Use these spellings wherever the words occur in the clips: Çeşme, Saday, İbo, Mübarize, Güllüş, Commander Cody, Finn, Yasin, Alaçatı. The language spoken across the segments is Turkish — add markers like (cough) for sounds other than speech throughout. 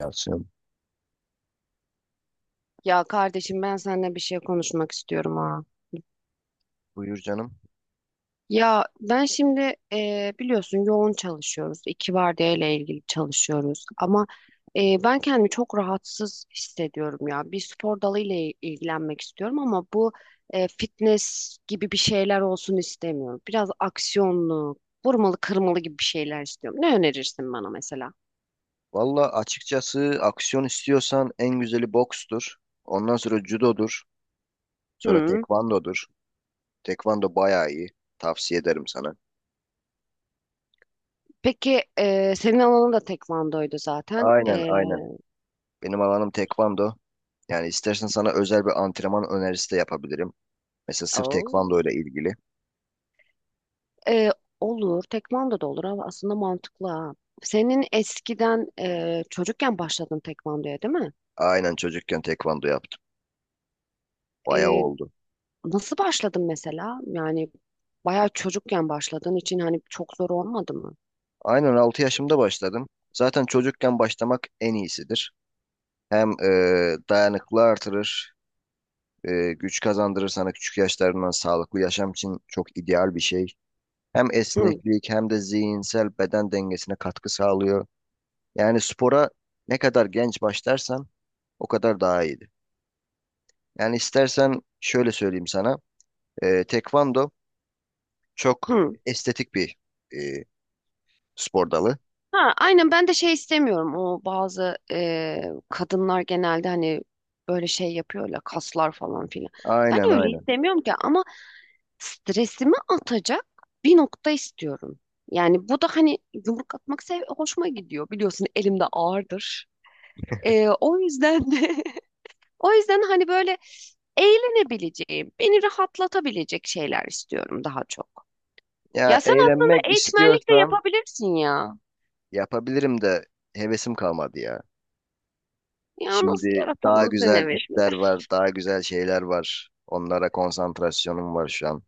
Yasin. Ya kardeşim ben seninle bir şey konuşmak istiyorum ha. Buyur canım. Ya ben şimdi biliyorsun yoğun çalışıyoruz. İki vardiya ile ilgili çalışıyoruz. Ama ben kendimi çok rahatsız hissediyorum ya. Bir spor dalı ile ilgilenmek istiyorum ama bu fitness gibi bir şeyler olsun istemiyorum. Biraz aksiyonlu, vurmalı kırmalı gibi bir şeyler istiyorum. Ne önerirsin bana mesela? Valla açıkçası aksiyon istiyorsan en güzeli bokstur. Ondan sonra judodur. Sonra Hı. tekvandodur. Tekvando bayağı iyi. Tavsiye ederim sana. Peki senin alanın da tekvandoydu zaten. Aynen aynen. Benim alanım tekvando. Yani istersen sana özel bir antrenman önerisi de yapabilirim. Mesela sırf Oo. tekvando ile ilgili. Ee, olur. Tekvando da olur ama aslında mantıklı ha. Senin eskiden çocukken başladın tekvandoya değil mi? Aynen çocukken tekvando yaptım. Bayağı Ee, oldu. nasıl başladın mesela? Yani bayağı çocukken başladığın için hani çok zor olmadı mı? Aynen 6 yaşımda başladım. Zaten çocukken başlamak en iyisidir. Hem dayanıklı artırır. Güç kazandırır sana küçük yaşlarından sağlıklı yaşam için çok ideal bir şey. Hem Hı, esneklik hem de zihinsel beden dengesine katkı sağlıyor. Yani spora ne kadar genç başlarsan o kadar daha iyiydi. Yani istersen şöyle söyleyeyim sana. Tekvando çok hı. estetik bir e, spor dalı. Ha, aynen ben de şey istemiyorum. O bazı kadınlar genelde hani böyle şey yapıyorlar kaslar falan filan. Ben Aynen öyle aynen. istemiyorum ki ama stresimi atacak bir nokta istiyorum. Yani bu da hani yumruk atmak sev hoşuma gidiyor. Biliyorsun elimde ağırdır. O yüzden de (laughs) o yüzden hani böyle eğlenebileceğim, beni rahatlatabilecek şeyler istiyorum daha çok. Ya Ya sen aslında eğlenmek eğitmenlik de istiyorsan yapabilirsin ya. yapabilirim de hevesim kalmadı ya. Ya nasıl Şimdi daha yaratalım senin güzel hevesini? işler var, daha güzel şeyler var. Onlara konsantrasyonum var şu an.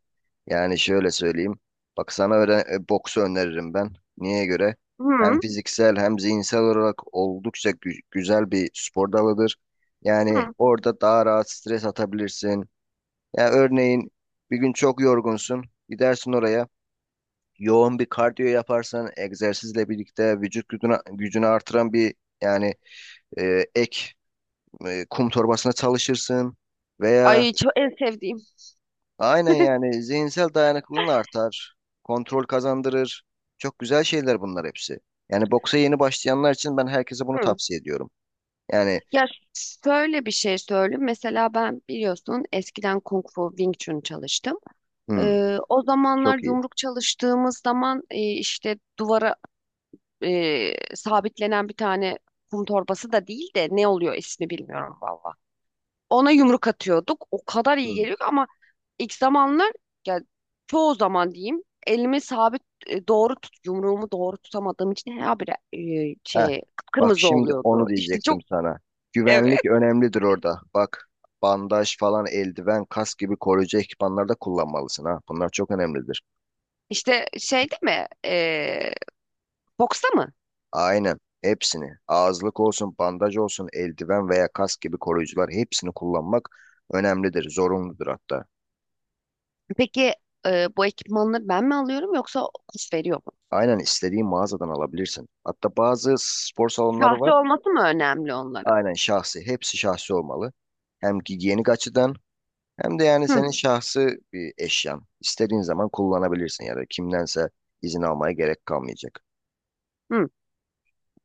Yani şöyle söyleyeyim. Bak sana öyle boksu öneririm ben. Niye göre? Hem Hı, fiziksel hem zihinsel olarak oldukça güzel bir spor dalıdır. Yani hı. orada daha rahat stres atabilirsin. Ya örneğin bir gün çok yorgunsun. Gidersin oraya. Yoğun bir kardiyo yaparsan egzersizle birlikte vücut gücünü artıran bir yani ek kum torbasına çalışırsın veya Ay çok en sevdiğim. aynen yani zihinsel dayanıklılığın artar, kontrol kazandırır. Çok güzel şeyler bunlar hepsi. Yani boksa yeni başlayanlar için ben herkese bunu Hı. tavsiye ediyorum. Yani Ya şöyle bir şey söyleyeyim. Mesela ben biliyorsun eskiden Kung Fu Wing Chun çalıştım. hmm, O zamanlar çok iyi. yumruk çalıştığımız zaman işte duvara sabitlenen bir tane kum torbası da değil de ne oluyor ismi bilmiyorum valla. Ona yumruk atıyorduk. O kadar iyi Hmm. geliyor ki ama ilk zamanlar ya çoğu zaman diyeyim elimi sabit doğru tut yumruğumu doğru tutamadığım için her bir Heh, şey bak kıpkırmızı şimdi oluyordu. onu İşte diyecektim çok sana. Güvenlik evet. önemlidir orada. Bak bandaj falan, eldiven, kask gibi koruyucu ekipmanlar da kullanmalısın ha. Bunlar çok önemlidir. İşte şey değil mi? Boksta mı? Aynen. Hepsini. Ağızlık olsun, bandaj olsun, eldiven veya kask gibi koruyucular hepsini kullanmak önemlidir, zorunludur hatta. Peki bu ekipmanları ben mi alıyorum yoksa kurs veriyor mu? Aynen istediğin mağazadan alabilirsin. Hatta bazı spor salonları Sahte var. olması mı önemli onların? Aynen şahsi. Hepsi şahsi olmalı. Hem giyenik açıdan hem de yani Hı, senin şahsi bir eşyan. İstediğin zaman kullanabilirsin ya da kimdense izin almaya gerek kalmayacak. hı,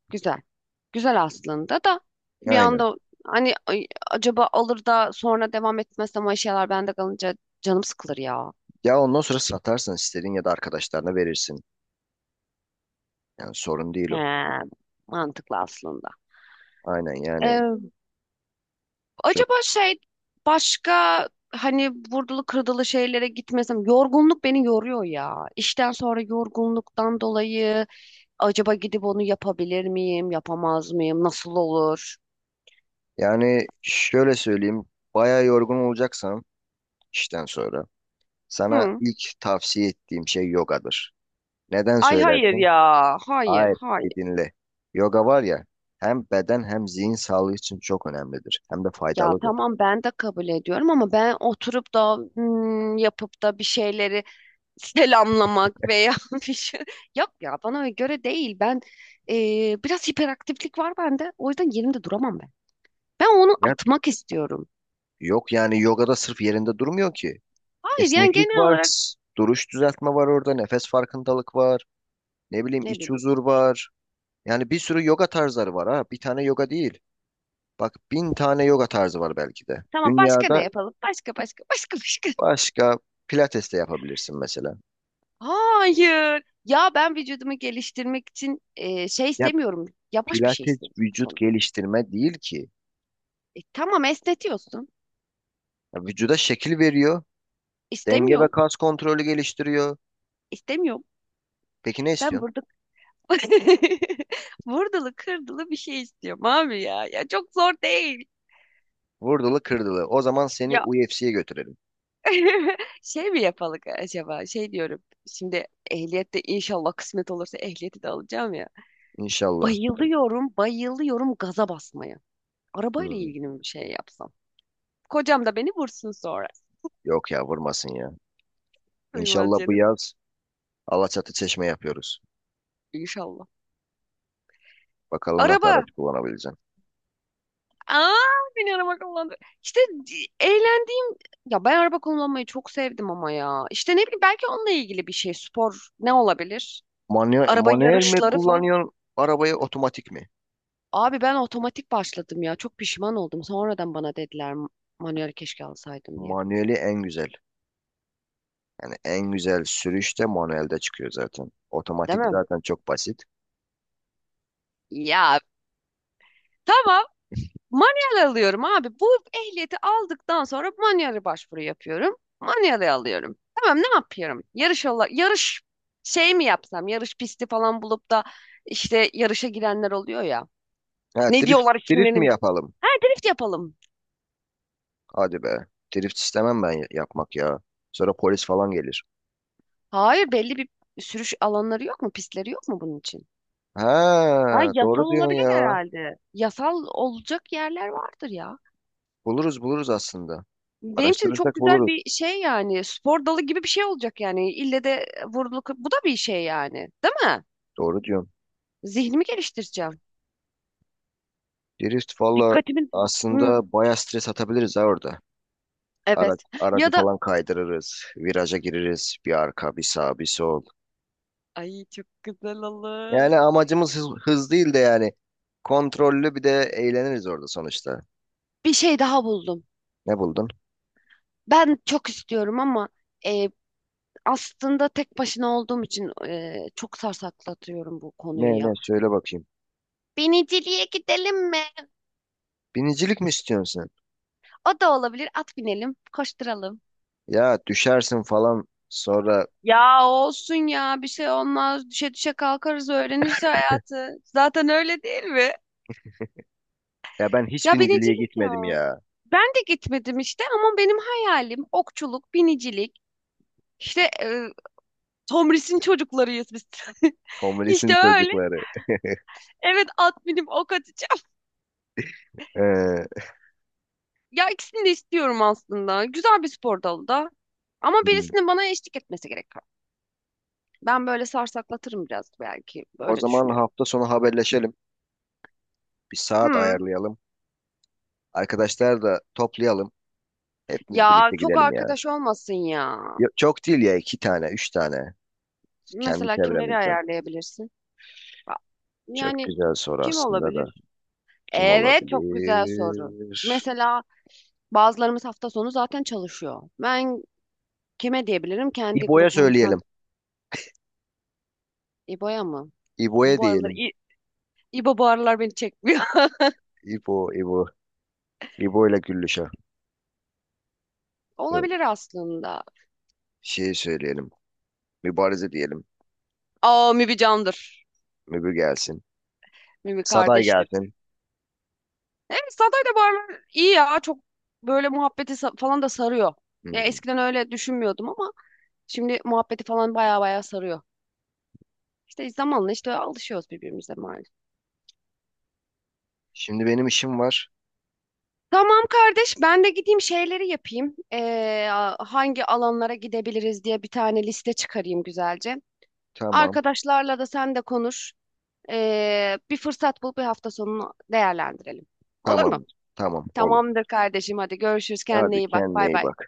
güzel. Güzel aslında da bir Aynen. anda hani ay, acaba alır da sonra devam etmezsem o şeyler bende kalınca canım sıkılır ya. Ya ondan sonra satarsın istediğin ya da arkadaşlarına verirsin. Yani sorun değil He, o. mantıklı aslında. Aynen yani. Ee, acaba şey başka hani vurdulu kırdılı şeylere gitmesem yorgunluk beni yoruyor ya. İşten sonra yorgunluktan dolayı acaba gidip onu yapabilir miyim, yapamaz mıyım, nasıl olur? Yani şöyle söyleyeyim, bayağı yorgun olacaksan işten sonra sana Hı. ilk tavsiye ettiğim şey yogadır. Neden Ay hayır söylersin? ya. Hayır, Hayır, hayır. bir dinle. Yoga var ya, hem beden hem zihin sağlığı için çok önemlidir. Hem de Ya faydalıdır. tamam ben de kabul ediyorum ama ben oturup da yapıp da bir şeyleri selamlamak veya (laughs) bir şey yok ya bana göre değil. Ben biraz hiperaktiflik var bende. O yüzden yerimde duramam ben. Ben onu Ya, atmak istiyorum. yok yani yogada sırf yerinde durmuyor ki. Hayır yani Esneklik genel var, olarak duruş düzeltme var orada, nefes farkındalık var, ne bileyim ne iç bileyim. huzur var. Yani bir sürü yoga tarzları var ha, bir tane yoga değil. Bak bin tane yoga tarzı var belki de. Tamam başka Dünyada. ne yapalım? Başka başka (laughs) başka başka. Başka pilates de yapabilirsin mesela. Hayır. Ya ben vücudumu geliştirmek için şey Ya istemiyorum. Yavaş bir şey pilates istiyorum vücut sonra. geliştirme değil ki. E, tamam esnetiyorsun. Ya vücuda şekil veriyor. Denge ve İstemiyorum. kas kontrolü geliştiriyor. İstemiyorum. Peki ne Ben istiyorsun? burada (laughs) vurdulu kırdılı bir şey istiyorum abi ya. Ya çok zor değil. Vurdulu kırdılı. O zaman seni Ya UFC'ye götürelim. (laughs) şey mi yapalım acaba? Şey diyorum. Şimdi ehliyette inşallah kısmet olursa ehliyeti de alacağım ya. İnşallah. Bayılıyorum, bayılıyorum gaza basmaya. Arabayla Hmm, ilgili bir şey yapsam. Kocam da beni vursun sonra. Yok ya vurmasın ya. Buyurmaz İnşallah bu canım. yaz Alaçatı Çeşme yapıyoruz. İnşallah. Bakalım nasıl Araba. araç kullanabileceğim. Aa, beni araba kullandı. İşte eğlendiğim ya ben araba kullanmayı çok sevdim ama ya. İşte ne bileyim belki onunla ilgili bir şey spor ne olabilir? Manuel, Araba manuel mi yarışları falan. kullanıyorsun arabayı otomatik mi? Abi ben otomatik başladım ya. Çok pişman oldum. Sonradan bana dediler manuel keşke alsaydım diye. Manueli en güzel. Yani en güzel sürüş de manuelde çıkıyor zaten. Değil Otomatik mi? zaten çok basit. Ya tamam Manuel alıyorum abi. Bu ehliyeti aldıktan sonra manuele başvuru yapıyorum. Manuele alıyorum. Tamam ne yapıyorum? Yarış şey mi yapsam? Yarış pisti falan bulup da işte yarışa girenler oluyor ya. Ha, Ne drift, diyorlar drift mi kimlerim? yapalım? Ha drift yapalım. Hadi be. Drift istemem ben yapmak ya. Sonra polis falan gelir. Hayır belli bir sürüş alanları yok mu? Pistleri yok mu bunun için? Ha, Ha yasal doğru diyorsun olabilir ya. herhalde. Yasal olacak yerler vardır ya. Buluruz buluruz aslında. Benim için çok Araştırırsak güzel buluruz. bir şey yani. Spor dalı gibi bir şey olacak yani. İlle de vuruluk. Bu da bir şey yani. Değil mi? Doğru diyorsun. Zihnimi geliştireceğim. Drift valla Dikkatimi... Hı, aslında baya stres atabiliriz ha orada. Evet. Aracı Ya da... falan kaydırırız. Viraja gireriz. Bir arka, bir sağ, bir sol. Ay çok güzel olur. Yani amacımız hız değil de yani kontrollü bir de eğleniriz orada sonuçta. Bir şey daha buldum. Ne buldun? Ben çok istiyorum ama e, aslında tek başına olduğum için çok sarsaklatıyorum bu konuyu Ne ya. söyle bakayım. Biniciliğe gidelim mi? Binicilik mi istiyorsun? O da olabilir. At binelim, koşturalım. Ya düşersin falan sonra. Ya olsun ya bir şey olmaz. Düşe düşe kalkarız öğreniriz hayatı. Zaten öyle değil mi? Ya ben hiç Ya biniciliğe binicilik ya. gitmedim ya. Ben de gitmedim işte ama benim hayalim okçuluk, binicilik. İşte Tomris'in çocuklarıyız biz. Tom (laughs) İşte öyle. çocukları. Evet at binip ok atacağım. Ee, Ya ikisini de istiyorum aslında. Güzel bir spor dalı da. Ama hmm. birisinin bana eşlik etmesi gerekiyor. Ben böyle sarsaklatırım biraz belki. O Böyle zaman düşünüyorum. hafta sonu haberleşelim. Bir saat Hı. ayarlayalım. Arkadaşlar da toplayalım. Hepimiz Ya birlikte çok gidelim ya. arkadaş olmasın ya. Çok değil ya iki tane, üç tane. Kendi Mesela kimleri çevremizden. ayarlayabilirsin? Ba- Çok Yani güzel soru kim aslında da. olabilir? Kim Evet, çok güzel soru. olabilir? Mesela bazılarımız hafta sonu zaten çalışıyor. Ben kime diyebilirim? Kendi İbo'ya söyleyelim. grubumuzdan İbo'ya mı? İbo'ya Bu aralar diyelim. İbo bu aralar beni çekmiyor. İbo, İbo. İbo ile Güllüş'e. (laughs) Yok, Olabilir aslında. şey söyleyelim. Mübarize diyelim. Aa Mibi candır. Mübü gelsin. Mibi Saday kardeştir. gelsin. Evet Saday da bu aralar iyi ya. Çok böyle falan da sarıyor. Ya Hmm. eskiden öyle düşünmüyordum ama şimdi muhabbeti falan baya baya sarıyor. İşte zamanla işte alışıyoruz birbirimize maalesef. Şimdi benim işim var. Tamam kardeş ben de gideyim şeyleri yapayım. Hangi alanlara gidebiliriz diye bir tane liste çıkarayım güzelce. Tamam. Arkadaşlarla da sen de konuş. Bir fırsat bul bir hafta sonunu değerlendirelim. Olur mu? Tamam. Tamam. Olur. Tamamdır kardeşim hadi görüşürüz kendine Hadi iyi bak kendine bay iyi bay. bak.